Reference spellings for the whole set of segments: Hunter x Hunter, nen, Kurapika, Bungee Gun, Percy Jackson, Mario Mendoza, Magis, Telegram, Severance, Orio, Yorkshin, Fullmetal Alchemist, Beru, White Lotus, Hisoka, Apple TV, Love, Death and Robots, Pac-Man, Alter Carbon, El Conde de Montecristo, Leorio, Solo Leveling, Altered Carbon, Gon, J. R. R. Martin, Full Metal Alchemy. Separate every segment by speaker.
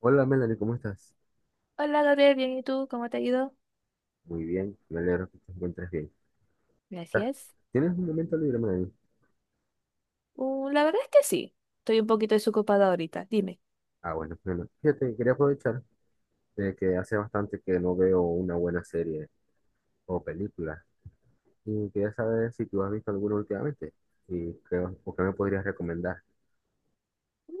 Speaker 1: Hola Melanie, ¿cómo estás?
Speaker 2: Hola Gabriel, bien, ¿y tú? ¿Cómo te ha ido?
Speaker 1: Muy bien, me alegro que te encuentres bien. Ah,
Speaker 2: Gracias.
Speaker 1: ¿tienes un momento libre, Melanie?
Speaker 2: La verdad es que sí, estoy un poquito desocupada ahorita, dime.
Speaker 1: Ah, bueno, bueno. Fíjate, quería aprovechar de que hace bastante que no veo una buena serie o película y quería saber si tú has visto alguna últimamente y qué, o qué me podrías recomendar.
Speaker 2: Mm,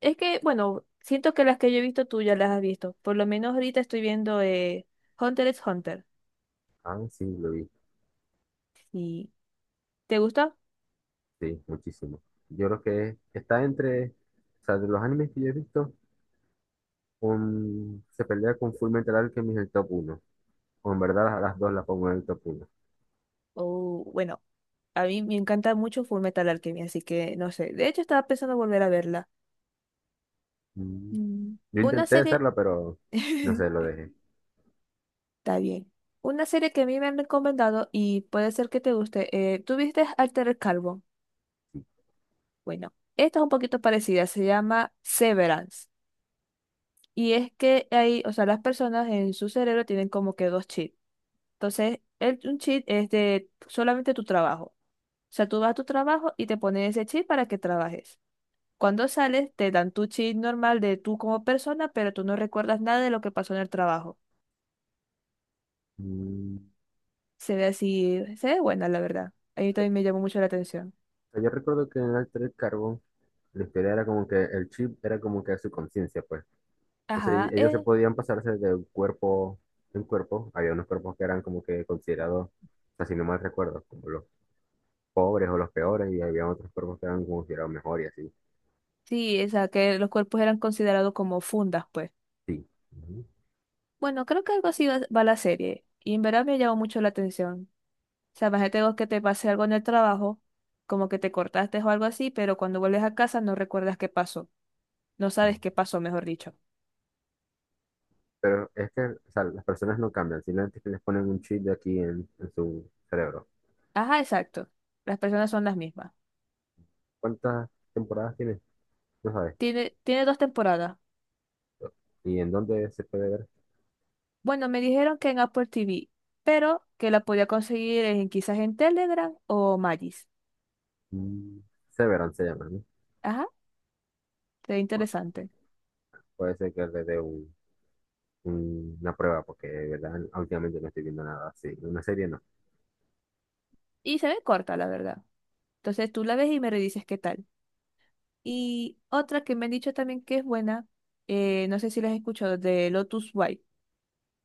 Speaker 2: Es que, bueno, siento que las que yo he visto tú ya las has visto, por lo menos ahorita estoy viendo Hunter x Hunter.
Speaker 1: Ah, sí, lo vi,
Speaker 2: ¿Y te gusta?
Speaker 1: sí, muchísimo. Yo creo que está entre, o sea, de los animes que yo he visto, se pelea con Fullmetal Alchemist en el top uno. O en verdad las dos las pongo en el top uno.
Speaker 2: Oh, bueno, a mí me encanta mucho Full Metal Alchemy, así que no sé, de hecho estaba pensando volver a verla.
Speaker 1: Mm.
Speaker 2: Mm,
Speaker 1: Yo
Speaker 2: Una
Speaker 1: intenté
Speaker 2: serie,
Speaker 1: hacerlo, pero no sé, lo
Speaker 2: está
Speaker 1: dejé.
Speaker 2: bien, una serie que a mí me han recomendado y puede ser que te guste, ¿tú viste Alter Carbon? Bueno, esta es un poquito parecida, se llama Severance. Y es que hay, o sea, las personas en su cerebro tienen como que dos chips. Entonces, un chip es de solamente tu trabajo. O sea, tú vas a tu trabajo y te ponen ese chip para que trabajes. Cuando sales, te dan tu chip normal de tú como persona, pero tú no recuerdas nada de lo que pasó en el trabajo.
Speaker 1: Mm,
Speaker 2: Se ve así, se ve buena, la verdad. A mí también me llamó mucho la atención.
Speaker 1: yo recuerdo que en el Altered Carbon la historia era como que el chip era como que su conciencia, pues. Entonces
Speaker 2: Ajá,
Speaker 1: ellos se podían pasarse de un cuerpo en cuerpo. Había unos cuerpos que eran como que considerados, así no mal recuerdo, como los pobres o los peores, y había otros cuerpos que eran considerados mejor y así.
Speaker 2: sí, o sea, que los cuerpos eran considerados como fundas, pues.
Speaker 1: Sí. Ujú.
Speaker 2: Bueno, creo que algo así va la serie. Y en verdad me llamó mucho la atención. O sea, imagínate vos que te pase algo en el trabajo, como que te cortaste o algo así, pero cuando vuelves a casa no recuerdas qué pasó. No sabes qué pasó, mejor dicho.
Speaker 1: Pero es que, o sea, las personas no cambian, simplemente que les ponen un chip de aquí en su cerebro.
Speaker 2: Ajá, exacto. Las personas son las mismas.
Speaker 1: ¿Cuántas temporadas tiene? No sabes.
Speaker 2: Tiene dos temporadas.
Speaker 1: ¿Y en dónde se puede ver?
Speaker 2: Bueno, me dijeron que en Apple TV, pero que la podía conseguir en, quizás en Telegram o Magis.
Speaker 1: Mm, Severance se llama, ¿no?
Speaker 2: Ajá, se ve
Speaker 1: Bueno,
Speaker 2: interesante.
Speaker 1: puede ser que le dé una prueba, porque de verdad últimamente no estoy viendo nada así. Una serie no.
Speaker 2: Y se ve corta, la verdad. Entonces tú la ves y me redices qué tal. Y otra que me han dicho también que es buena, no sé si las has escuchado, de Lotus White,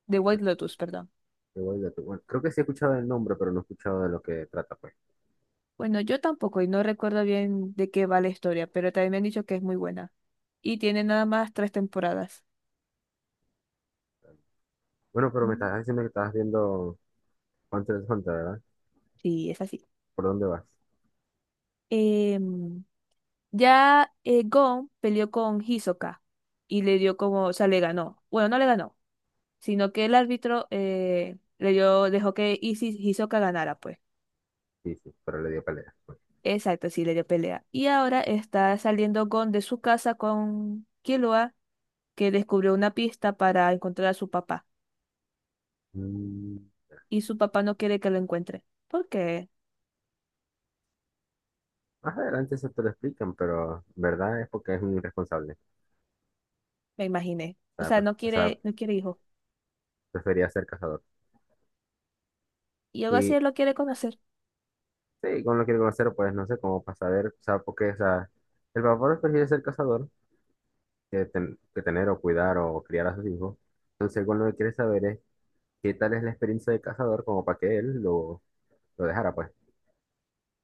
Speaker 2: de
Speaker 1: Te-
Speaker 2: White Lotus, perdón.
Speaker 1: bueno, creo que sí he escuchado el nombre, pero no he escuchado de lo que trata, pues.
Speaker 2: Bueno, yo tampoco y no recuerdo bien de qué va la historia, pero también me han dicho que es muy buena. Y tiene nada más tres temporadas.
Speaker 1: Bueno, pero me
Speaker 2: Mm,
Speaker 1: estás diciendo que estabas viendo Hunter x Hunter, ¿verdad?
Speaker 2: Sí, es así.
Speaker 1: ¿Por dónde vas?
Speaker 2: Em, ya Gon peleó con Hisoka y le dio como, o sea, le ganó. Bueno, no le ganó, sino que el árbitro le dio, dejó que Hisoka ganara, pues.
Speaker 1: Sí, sí, pero le dio pelea, pues.
Speaker 2: Exacto, sí, le dio pelea. Y ahora está saliendo Gon de su casa con Killua, que descubrió una pista para encontrar a su papá.
Speaker 1: Mm,
Speaker 2: Y su papá no quiere que lo encuentre. ¿Por qué?
Speaker 1: Más adelante eso te lo explican, pero en verdad es porque es un irresponsable. O
Speaker 2: Me imaginé. O
Speaker 1: sea,
Speaker 2: sea, no quiere, no quiere hijo.
Speaker 1: prefería ser cazador.
Speaker 2: Y algo así
Speaker 1: Y
Speaker 2: él lo quiere conocer.
Speaker 1: sí, como lo quiere conocer, pues no sé cómo para saber, o sea, porque, o sea, el papá prefiere ser cazador que tener o cuidar o criar a sus hijos. Entonces, con lo que quiere saber es qué tal es la experiencia de cazador como para que él lo dejara, pues,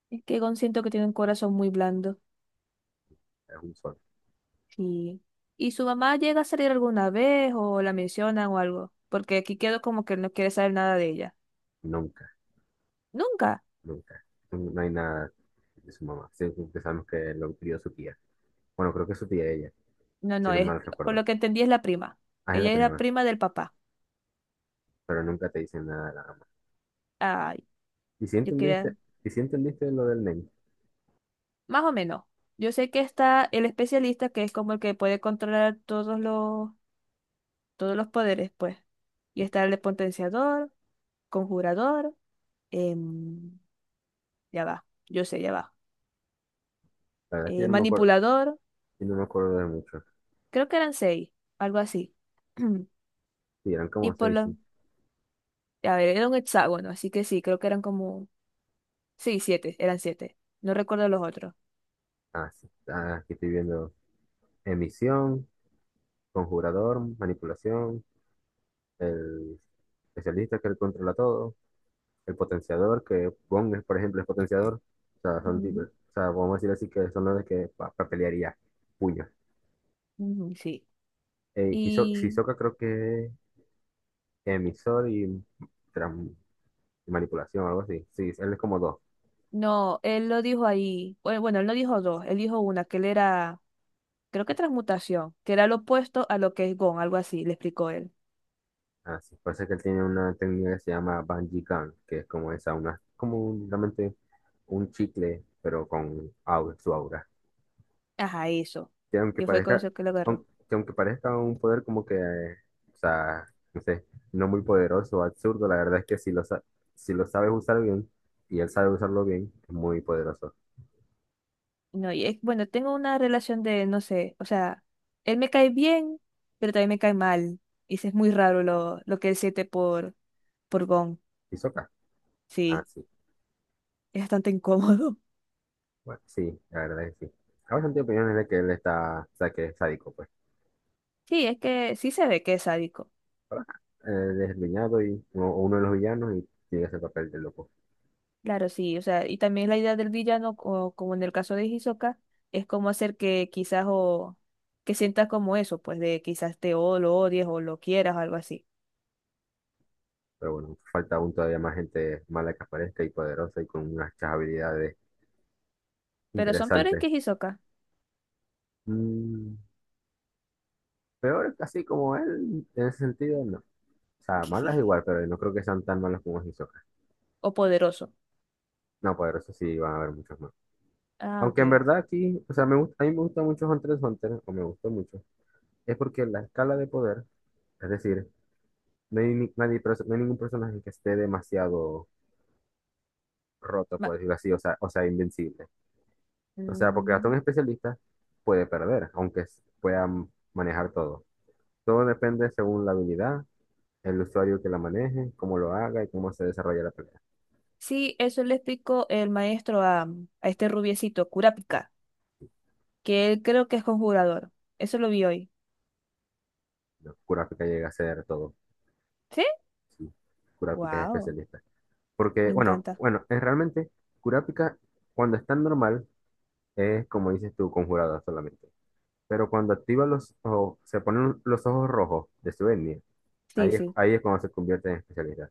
Speaker 2: Es que Gon siento que tiene un corazón muy blando.
Speaker 1: es un sol.
Speaker 2: Y, y su mamá llega a salir alguna vez o la mencionan o algo. Porque aquí quedó como que él no quiere saber nada de ella.
Speaker 1: Nunca,
Speaker 2: Nunca.
Speaker 1: nunca. No hay nada de su mamá. Siempre pensamos que lo crió su tía. Bueno, creo que es su tía ella,
Speaker 2: No,
Speaker 1: si
Speaker 2: no,
Speaker 1: no mal
Speaker 2: por
Speaker 1: recuerdo.
Speaker 2: lo que entendí es la prima.
Speaker 1: Ah, es la
Speaker 2: Ella es la
Speaker 1: prima,
Speaker 2: prima del papá.
Speaker 1: pero nunca te dicen nada de la mamá.
Speaker 2: Ay,
Speaker 1: ¿Y si
Speaker 2: yo quería.
Speaker 1: entendiste, y si entendiste lo del nene?
Speaker 2: Más o menos. Yo sé que está el especialista, que es como el que puede controlar todos los, poderes, pues. Y está el de potenciador, conjurador, em, ya va, yo sé, ya va.
Speaker 1: La verdad es que yo
Speaker 2: eh,
Speaker 1: no me acuerdo,
Speaker 2: manipulador,
Speaker 1: yo no me acuerdo de mucho.
Speaker 2: creo que eran seis, algo así.
Speaker 1: Sí, eran
Speaker 2: Y
Speaker 1: como
Speaker 2: por
Speaker 1: seis.
Speaker 2: los, a ver, era un hexágono, así que sí, creo que eran como, sí, siete, eran siete. No recuerdo los otros.
Speaker 1: Ah, sí. Ah, aquí estoy viendo emisión, conjurador, manipulación, el especialista que él controla todo, el potenciador, que Bond, es, por ejemplo, es potenciador. O sea, son
Speaker 2: Ujú,
Speaker 1: o sea, vamos a decir así que son los de que pelearía puños.
Speaker 2: ujú, sí.
Speaker 1: Hiso-
Speaker 2: Y
Speaker 1: Hisoka creo que es emisor y tran- manipulación, algo así. Sí, él es como dos.
Speaker 2: no, él lo dijo ahí, bueno, bueno, él no dijo dos, él dijo una, que él era creo que transmutación, que era lo opuesto a lo que es Gon, algo así, le explicó él.
Speaker 1: Ah, sí. Parece que él tiene una técnica que se llama Bungee Gun, que es como esa, una, como realmente un chicle, pero con aura, su aura.
Speaker 2: Ajá, eso,
Speaker 1: Que aunque
Speaker 2: que fue con
Speaker 1: parezca,
Speaker 2: eso que lo agarró.
Speaker 1: aun- que aunque parezca un poder como que, o sea, no sé, no muy poderoso o absurdo, la verdad es que si lo sabes usar bien y él sabe usarlo bien, es muy poderoso.
Speaker 2: No, y es, bueno, tengo una relación de, no sé, o sea, él me cae bien, pero también me cae mal. Y sí es muy raro lo que él siente por Gon.
Speaker 1: ¿Y Sokka? Ah,
Speaker 2: Sí,
Speaker 1: sí.
Speaker 2: es bastante incómodo.
Speaker 1: Bueno, sí, la verdad es que sí. Hay bastante opiniones de que él está, o sea, que es sádico, pues.
Speaker 2: Sí, es que sí se ve que es sádico.
Speaker 1: Pero, ajá, él es el villano y, o uno de los villanos y tiene ese papel de loco.
Speaker 2: Claro, sí, o sea, y también la idea del villano, o como en el caso de Hisoka, es como hacer que quizás o que sientas como eso, pues de quizás te o lo odies o lo quieras o algo así.
Speaker 1: Pero bueno, falta aún todavía más gente mala que aparezca y poderosa y con unas habilidades
Speaker 2: Pero son peores
Speaker 1: interesantes.
Speaker 2: que Hisoka,
Speaker 1: Mm, Peor así como él, en ese sentido, no. O sea, malas igual, pero no creo que sean tan malas como Hisoka.
Speaker 2: o poderoso.
Speaker 1: No, poderosos sí van a haber muchos más.
Speaker 2: Ah,
Speaker 1: Aunque
Speaker 2: ok.
Speaker 1: en verdad aquí, o sea, me gusta, a mí me gusta mucho Hunter x Hunter, o me gustó mucho, es porque la escala de poder, es decir, no hay, nadie, no hay ningún personaje que esté demasiado roto, por
Speaker 2: Ma-
Speaker 1: decirlo así, o sea, invencible. O sea, porque hasta un
Speaker 2: mm,
Speaker 1: especialista puede perder, aunque pueda manejar todo. Todo depende según la habilidad, el usuario que la maneje, cómo lo haga y cómo se desarrolla la pelea.
Speaker 2: Sí, eso le explicó el maestro a este rubiecito, Kurapika, que él creo que es conjurador. Eso lo vi hoy.
Speaker 1: Kurapika llega a hacer todo.
Speaker 2: ¿Sí?
Speaker 1: Sí, Kurapika es
Speaker 2: Wow,
Speaker 1: especialista. Porque,
Speaker 2: me
Speaker 1: bueno,
Speaker 2: encanta.
Speaker 1: bueno, es realmente Kurapika cuando está normal es como dices tú, conjurada solamente. Pero cuando activa los ojos, se ponen los ojos rojos de su etnia, ahí
Speaker 2: Sí,
Speaker 1: es,
Speaker 2: sí.
Speaker 1: ahí es cuando se convierte en especialista.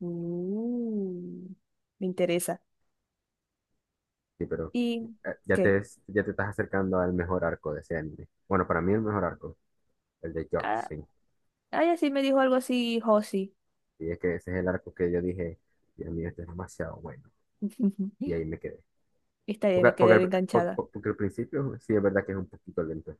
Speaker 2: Mm, me interesa.
Speaker 1: Sí, pero
Speaker 2: ¿Y qué?
Speaker 1: ya te estás acercando al mejor arco de ese anime. Bueno, para mí el mejor arco, el de
Speaker 2: Ah,
Speaker 1: Yorkshin.
Speaker 2: ay, así me dijo algo así, Josi.
Speaker 1: Y es que ese es el arco que yo dije, Dios mío, este es demasiado bueno. Y ahí me quedé.
Speaker 2: Está bien,
Speaker 1: Porque,
Speaker 2: me
Speaker 1: porque,
Speaker 2: quedé
Speaker 1: al, por-
Speaker 2: enganchada.
Speaker 1: por- porque al principio sí es verdad que es un poquito lento.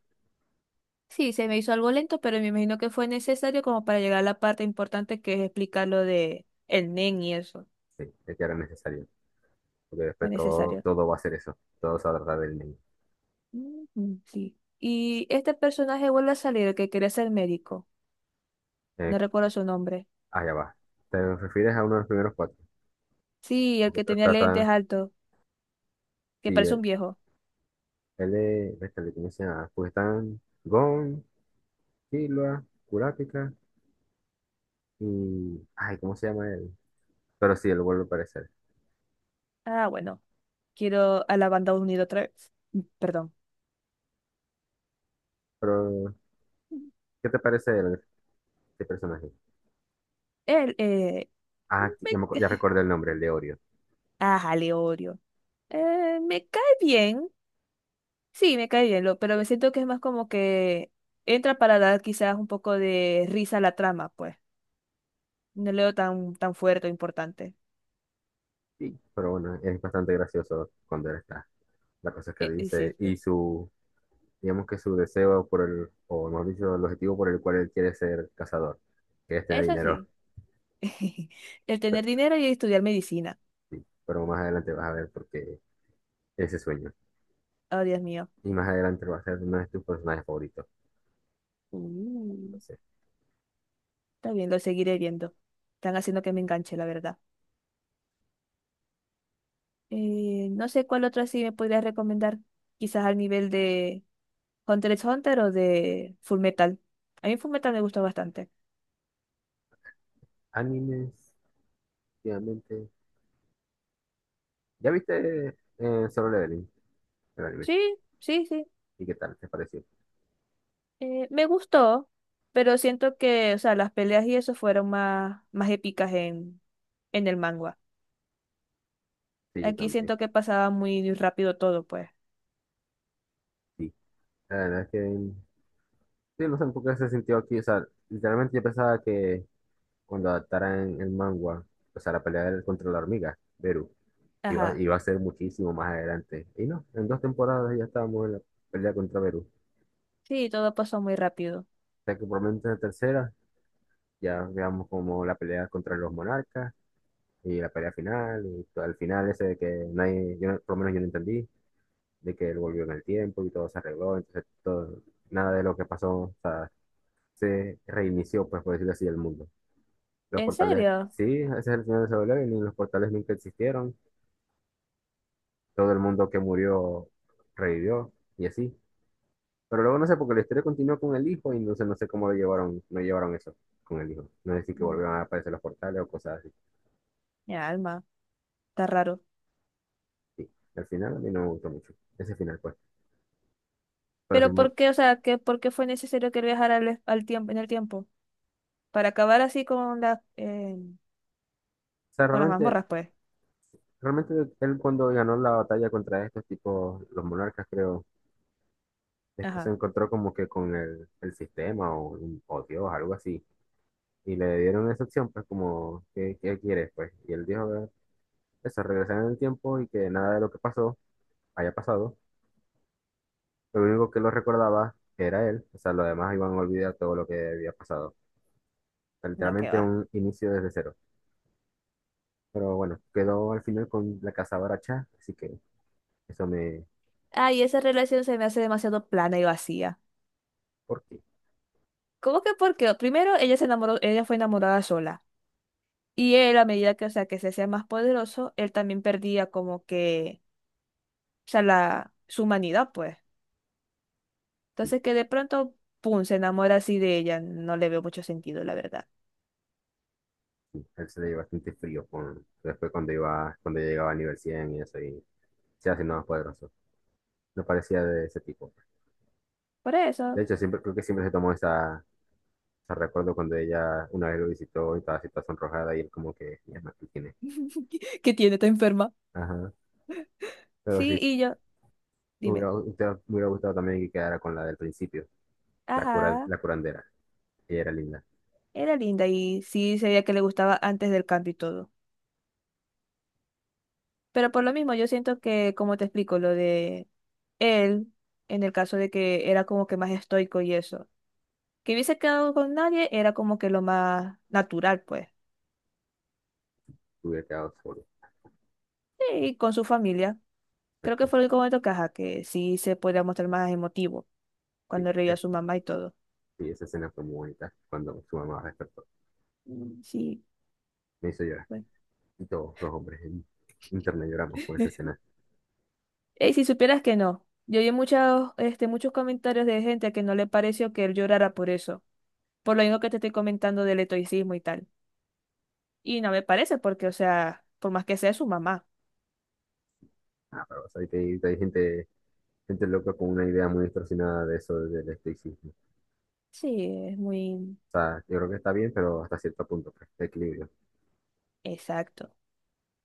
Speaker 2: Sí, se me hizo algo lento, pero me imagino que fue necesario como para llegar a la parte importante que es explicar lo de el nen y eso.
Speaker 1: Sí, es que era necesario. Porque
Speaker 2: Fue
Speaker 1: después todo,
Speaker 2: necesario.
Speaker 1: todo va a ser eso. Todo se va a tratar del niño.
Speaker 2: Ujú, sí. Y este personaje vuelve a salir, el que quería ser médico.
Speaker 1: Eh,
Speaker 2: No recuerdo su nombre.
Speaker 1: Allá va. ¿Te refieres a uno de los primeros cuatro?
Speaker 2: Sí, el
Speaker 1: Porque
Speaker 2: que tenía lentes
Speaker 1: trata.
Speaker 2: altos, que
Speaker 1: Sí,
Speaker 2: parece
Speaker 1: él
Speaker 2: un viejo.
Speaker 1: él es. Este, le conoce a Kujitán, Gon, Killua, Kurapika y. Ay, ¿cómo se llama él? Pero sí, él vuelve a aparecer.
Speaker 2: Ah, bueno, quiero a la banda unida otra vez. Mm, perdón.
Speaker 1: Pero, ¿qué te parece este personaje?
Speaker 2: Él,
Speaker 1: Ah, ya,
Speaker 2: me-
Speaker 1: ya recordé el nombre, el de Orio.
Speaker 2: Ajá, Leorio. Me cae bien, sí, me cae bien, lo, pero me siento que es más como que entra para dar quizás un poco de risa a la trama, pues. No leo tan, tan fuerte o importante.
Speaker 1: Sí, pero bueno, es bastante gracioso cuando él está. La cosa es que
Speaker 2: Y sí,
Speaker 1: dice
Speaker 2: sí.
Speaker 1: y su, digamos que su deseo por el, o mejor dicho, el objetivo por el cual él quiere ser cazador, que es tener
Speaker 2: Eso
Speaker 1: dinero,
Speaker 2: sí. El tener dinero y estudiar medicina.
Speaker 1: sí. Pero más adelante vas a ver por qué ese sueño.
Speaker 2: Oh, Dios mío.
Speaker 1: Y más adelante va a ser uno de tus personajes favoritos.
Speaker 2: Mm,
Speaker 1: Entonces,
Speaker 2: está bien, lo seguiré viendo. Están haciendo que me enganche, la verdad. No sé cuál otra sí me podrías recomendar. Quizás al nivel de Hunter x Hunter o de Full Metal. A mí Full Metal me gusta bastante.
Speaker 1: animes, obviamente. ¿Ya viste Solo Leveling, el anime?
Speaker 2: Sí, sí, sí.
Speaker 1: ¿Y qué tal? ¿Te pareció?
Speaker 2: Me gustó, pero siento que, o sea, las peleas y eso fueron más, más épicas en el manga.
Speaker 1: Sí, yo
Speaker 2: Aquí
Speaker 1: también.
Speaker 2: siento que pasaba muy rápido todo, pues.
Speaker 1: Sí. La verdad es que sí, no sé por qué se sintió aquí. O sea, literalmente yo pensaba que cuando adaptaran el manga, o sea, la pelea contra la hormiga, Beru, Iba,
Speaker 2: Ajá.
Speaker 1: iba a ser muchísimo más adelante. Y no, en dos temporadas ya estábamos en la pelea contra Perú.
Speaker 2: Sí, todo pasó muy rápido.
Speaker 1: O sea que por lo menos en la tercera ya veamos como la pelea contra los monarcas y la pelea final y todo el final ese de que nadie, yo no- por lo menos yo no entendí, de que él volvió en el tiempo y todo se arregló, entonces todo, nada de lo que pasó, o sea, se reinició, pues por decirlo así, el mundo. Los
Speaker 2: ¿En
Speaker 1: portales,
Speaker 2: serio?
Speaker 1: sí, ese es el final de Solo Leveling, los portales nunca existieron, todo el mundo que murió revivió y así. Pero luego no sé, porque la historia continúa con el hijo y entonces no sé cómo lo llevaron, no llevaron eso con el hijo. No sé si que
Speaker 2: Mm,
Speaker 1: volvieron a aparecer los portales o cosas así.
Speaker 2: Mi alma, está raro.
Speaker 1: Sí. Al final a mí no me gustó mucho ese final, pues. Pero
Speaker 2: Pero
Speaker 1: sin más. O
Speaker 2: ¿por qué, o sea, que, por qué fue necesario que él viajara al tiempo, en el tiempo? Para acabar así con las, eh,
Speaker 1: sea,
Speaker 2: con las
Speaker 1: realmente,
Speaker 2: mazmorras, pues.
Speaker 1: realmente él cuando ganó la batalla contra estos tipos, los monarcas, creo, después se
Speaker 2: Ajá.
Speaker 1: encontró como que con el sistema o Dios, algo así. Y le dieron esa opción, pues como, ¿qué quieres, pues? Y él dijo eso, regresar en el tiempo y que nada de lo que pasó haya pasado. Lo único que lo recordaba era él, o sea, lo demás iban a olvidar todo lo que había pasado.
Speaker 2: No, que
Speaker 1: Literalmente
Speaker 2: va.
Speaker 1: un inicio desde cero. Pero bueno, quedó al final con la casa baracha, así que eso me...
Speaker 2: Ay, esa relación se me hace demasiado plana y vacía.
Speaker 1: ¿Por qué?
Speaker 2: ¿Cómo que por qué? Primero, ella se enamoró, ella fue enamorada sola. Y él, a medida que, o sea, que se hacía más poderoso, él también perdía como que, o sea, la, su humanidad, pues.
Speaker 1: Sí,
Speaker 2: Entonces que de pronto, pum, se enamora así de ella. No le veo mucho sentido, la verdad.
Speaker 1: sí, él se le dio bastante frío con... Después cuando llegaba a nivel 100 y eso, y se haciendo más poderoso. No parecía de ese tipo.
Speaker 2: Por
Speaker 1: De
Speaker 2: eso.
Speaker 1: hecho, siempre creo que siempre se tomó esa... Ese recuerdo cuando ella una vez lo visitó y estaba así toda sonrojada y él como que, ya no, ¿qué tiene?
Speaker 2: ¿Qué tiene? ¿Está enferma?
Speaker 1: Ajá. Pero
Speaker 2: Sí,
Speaker 1: sí,
Speaker 2: y yo,
Speaker 1: Me
Speaker 2: dime.
Speaker 1: hubiera, usted- me hubiera gustado también que quedara con la del principio,
Speaker 2: Ajá,
Speaker 1: la curandera. Ella era linda,
Speaker 2: era linda y sí se que le gustaba antes del cambio y todo. Pero por lo mismo, yo siento que, como te explico, lo de él, en el caso de que era como que más estoico y eso. Que hubiese quedado con nadie era como que lo más natural, pues.
Speaker 1: hubiera quedado solo.
Speaker 2: Y con su familia. Creo que
Speaker 1: Exacto,
Speaker 2: fue el único momento que, ajá, que sí se podía mostrar más emotivo
Speaker 1: sí.
Speaker 2: cuando reía a su mamá y todo.
Speaker 1: Sí, esa escena fue muy bonita cuando su mamá despertó.
Speaker 2: Mm, sí,
Speaker 1: Me hizo llorar.
Speaker 2: bueno.
Speaker 1: Y todos los hombres en internet lloramos con esa escena.
Speaker 2: Y si supieras que no, yo vi muchos, muchos comentarios de gente que no le pareció que él llorara por eso, por lo mismo que te estoy comentando del estoicismo y tal. Y no me parece porque, o sea, por más que sea su mamá.
Speaker 1: Ah, pero ¿sabes que hay, gente, gente loca con una idea muy distorsionada de eso del estoicismo? O
Speaker 2: Sí, es muy
Speaker 1: sea, yo creo que está bien, pero hasta cierto punto, pues, de equilibrio.
Speaker 2: exacto.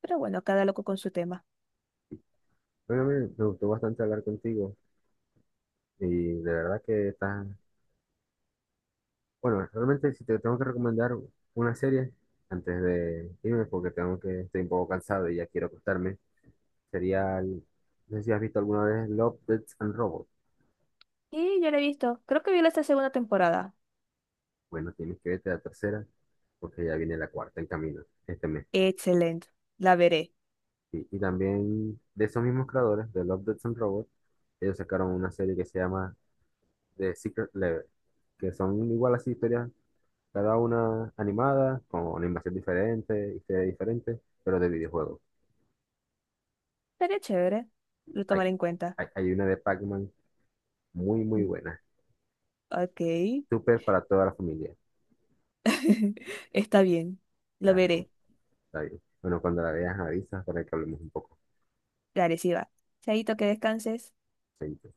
Speaker 2: Pero bueno, cada loco con su tema.
Speaker 1: Bueno, me gustó bastante hablar contigo y de verdad que estás. Bueno, realmente si te tengo que recomendar una serie antes de irme porque tengo que estoy un poco cansado y ya quiero acostarme, sería, no sé si has visto alguna vez Love, Death and Robots.
Speaker 2: Y yo la he visto, creo que vi la esta segunda temporada.
Speaker 1: Bueno, tienes que verte la tercera porque ya viene la cuarta en camino este mes.
Speaker 2: Excelente, la veré.
Speaker 1: Y también de esos mismos creadores de Love, Death and Robots, ellos sacaron una serie que se llama The Secret Level, que son igual así historias, cada una animada, con una invasión diferente, historia diferente, pero de videojuegos.
Speaker 2: Sería chévere. Lo
Speaker 1: Hay,
Speaker 2: tomaré en cuenta.
Speaker 1: hay una de Pac-Man muy, muy
Speaker 2: Mm,
Speaker 1: buena.
Speaker 2: Ok.
Speaker 1: Súper para toda la familia.
Speaker 2: Está bien. Lo
Speaker 1: La recomiendo.
Speaker 2: veré.
Speaker 1: Está bien. Bueno, cuando la veas, avisas para que hablemos un poco.
Speaker 2: Dale, sí va. Chaito, que descanses.
Speaker 1: Chaito.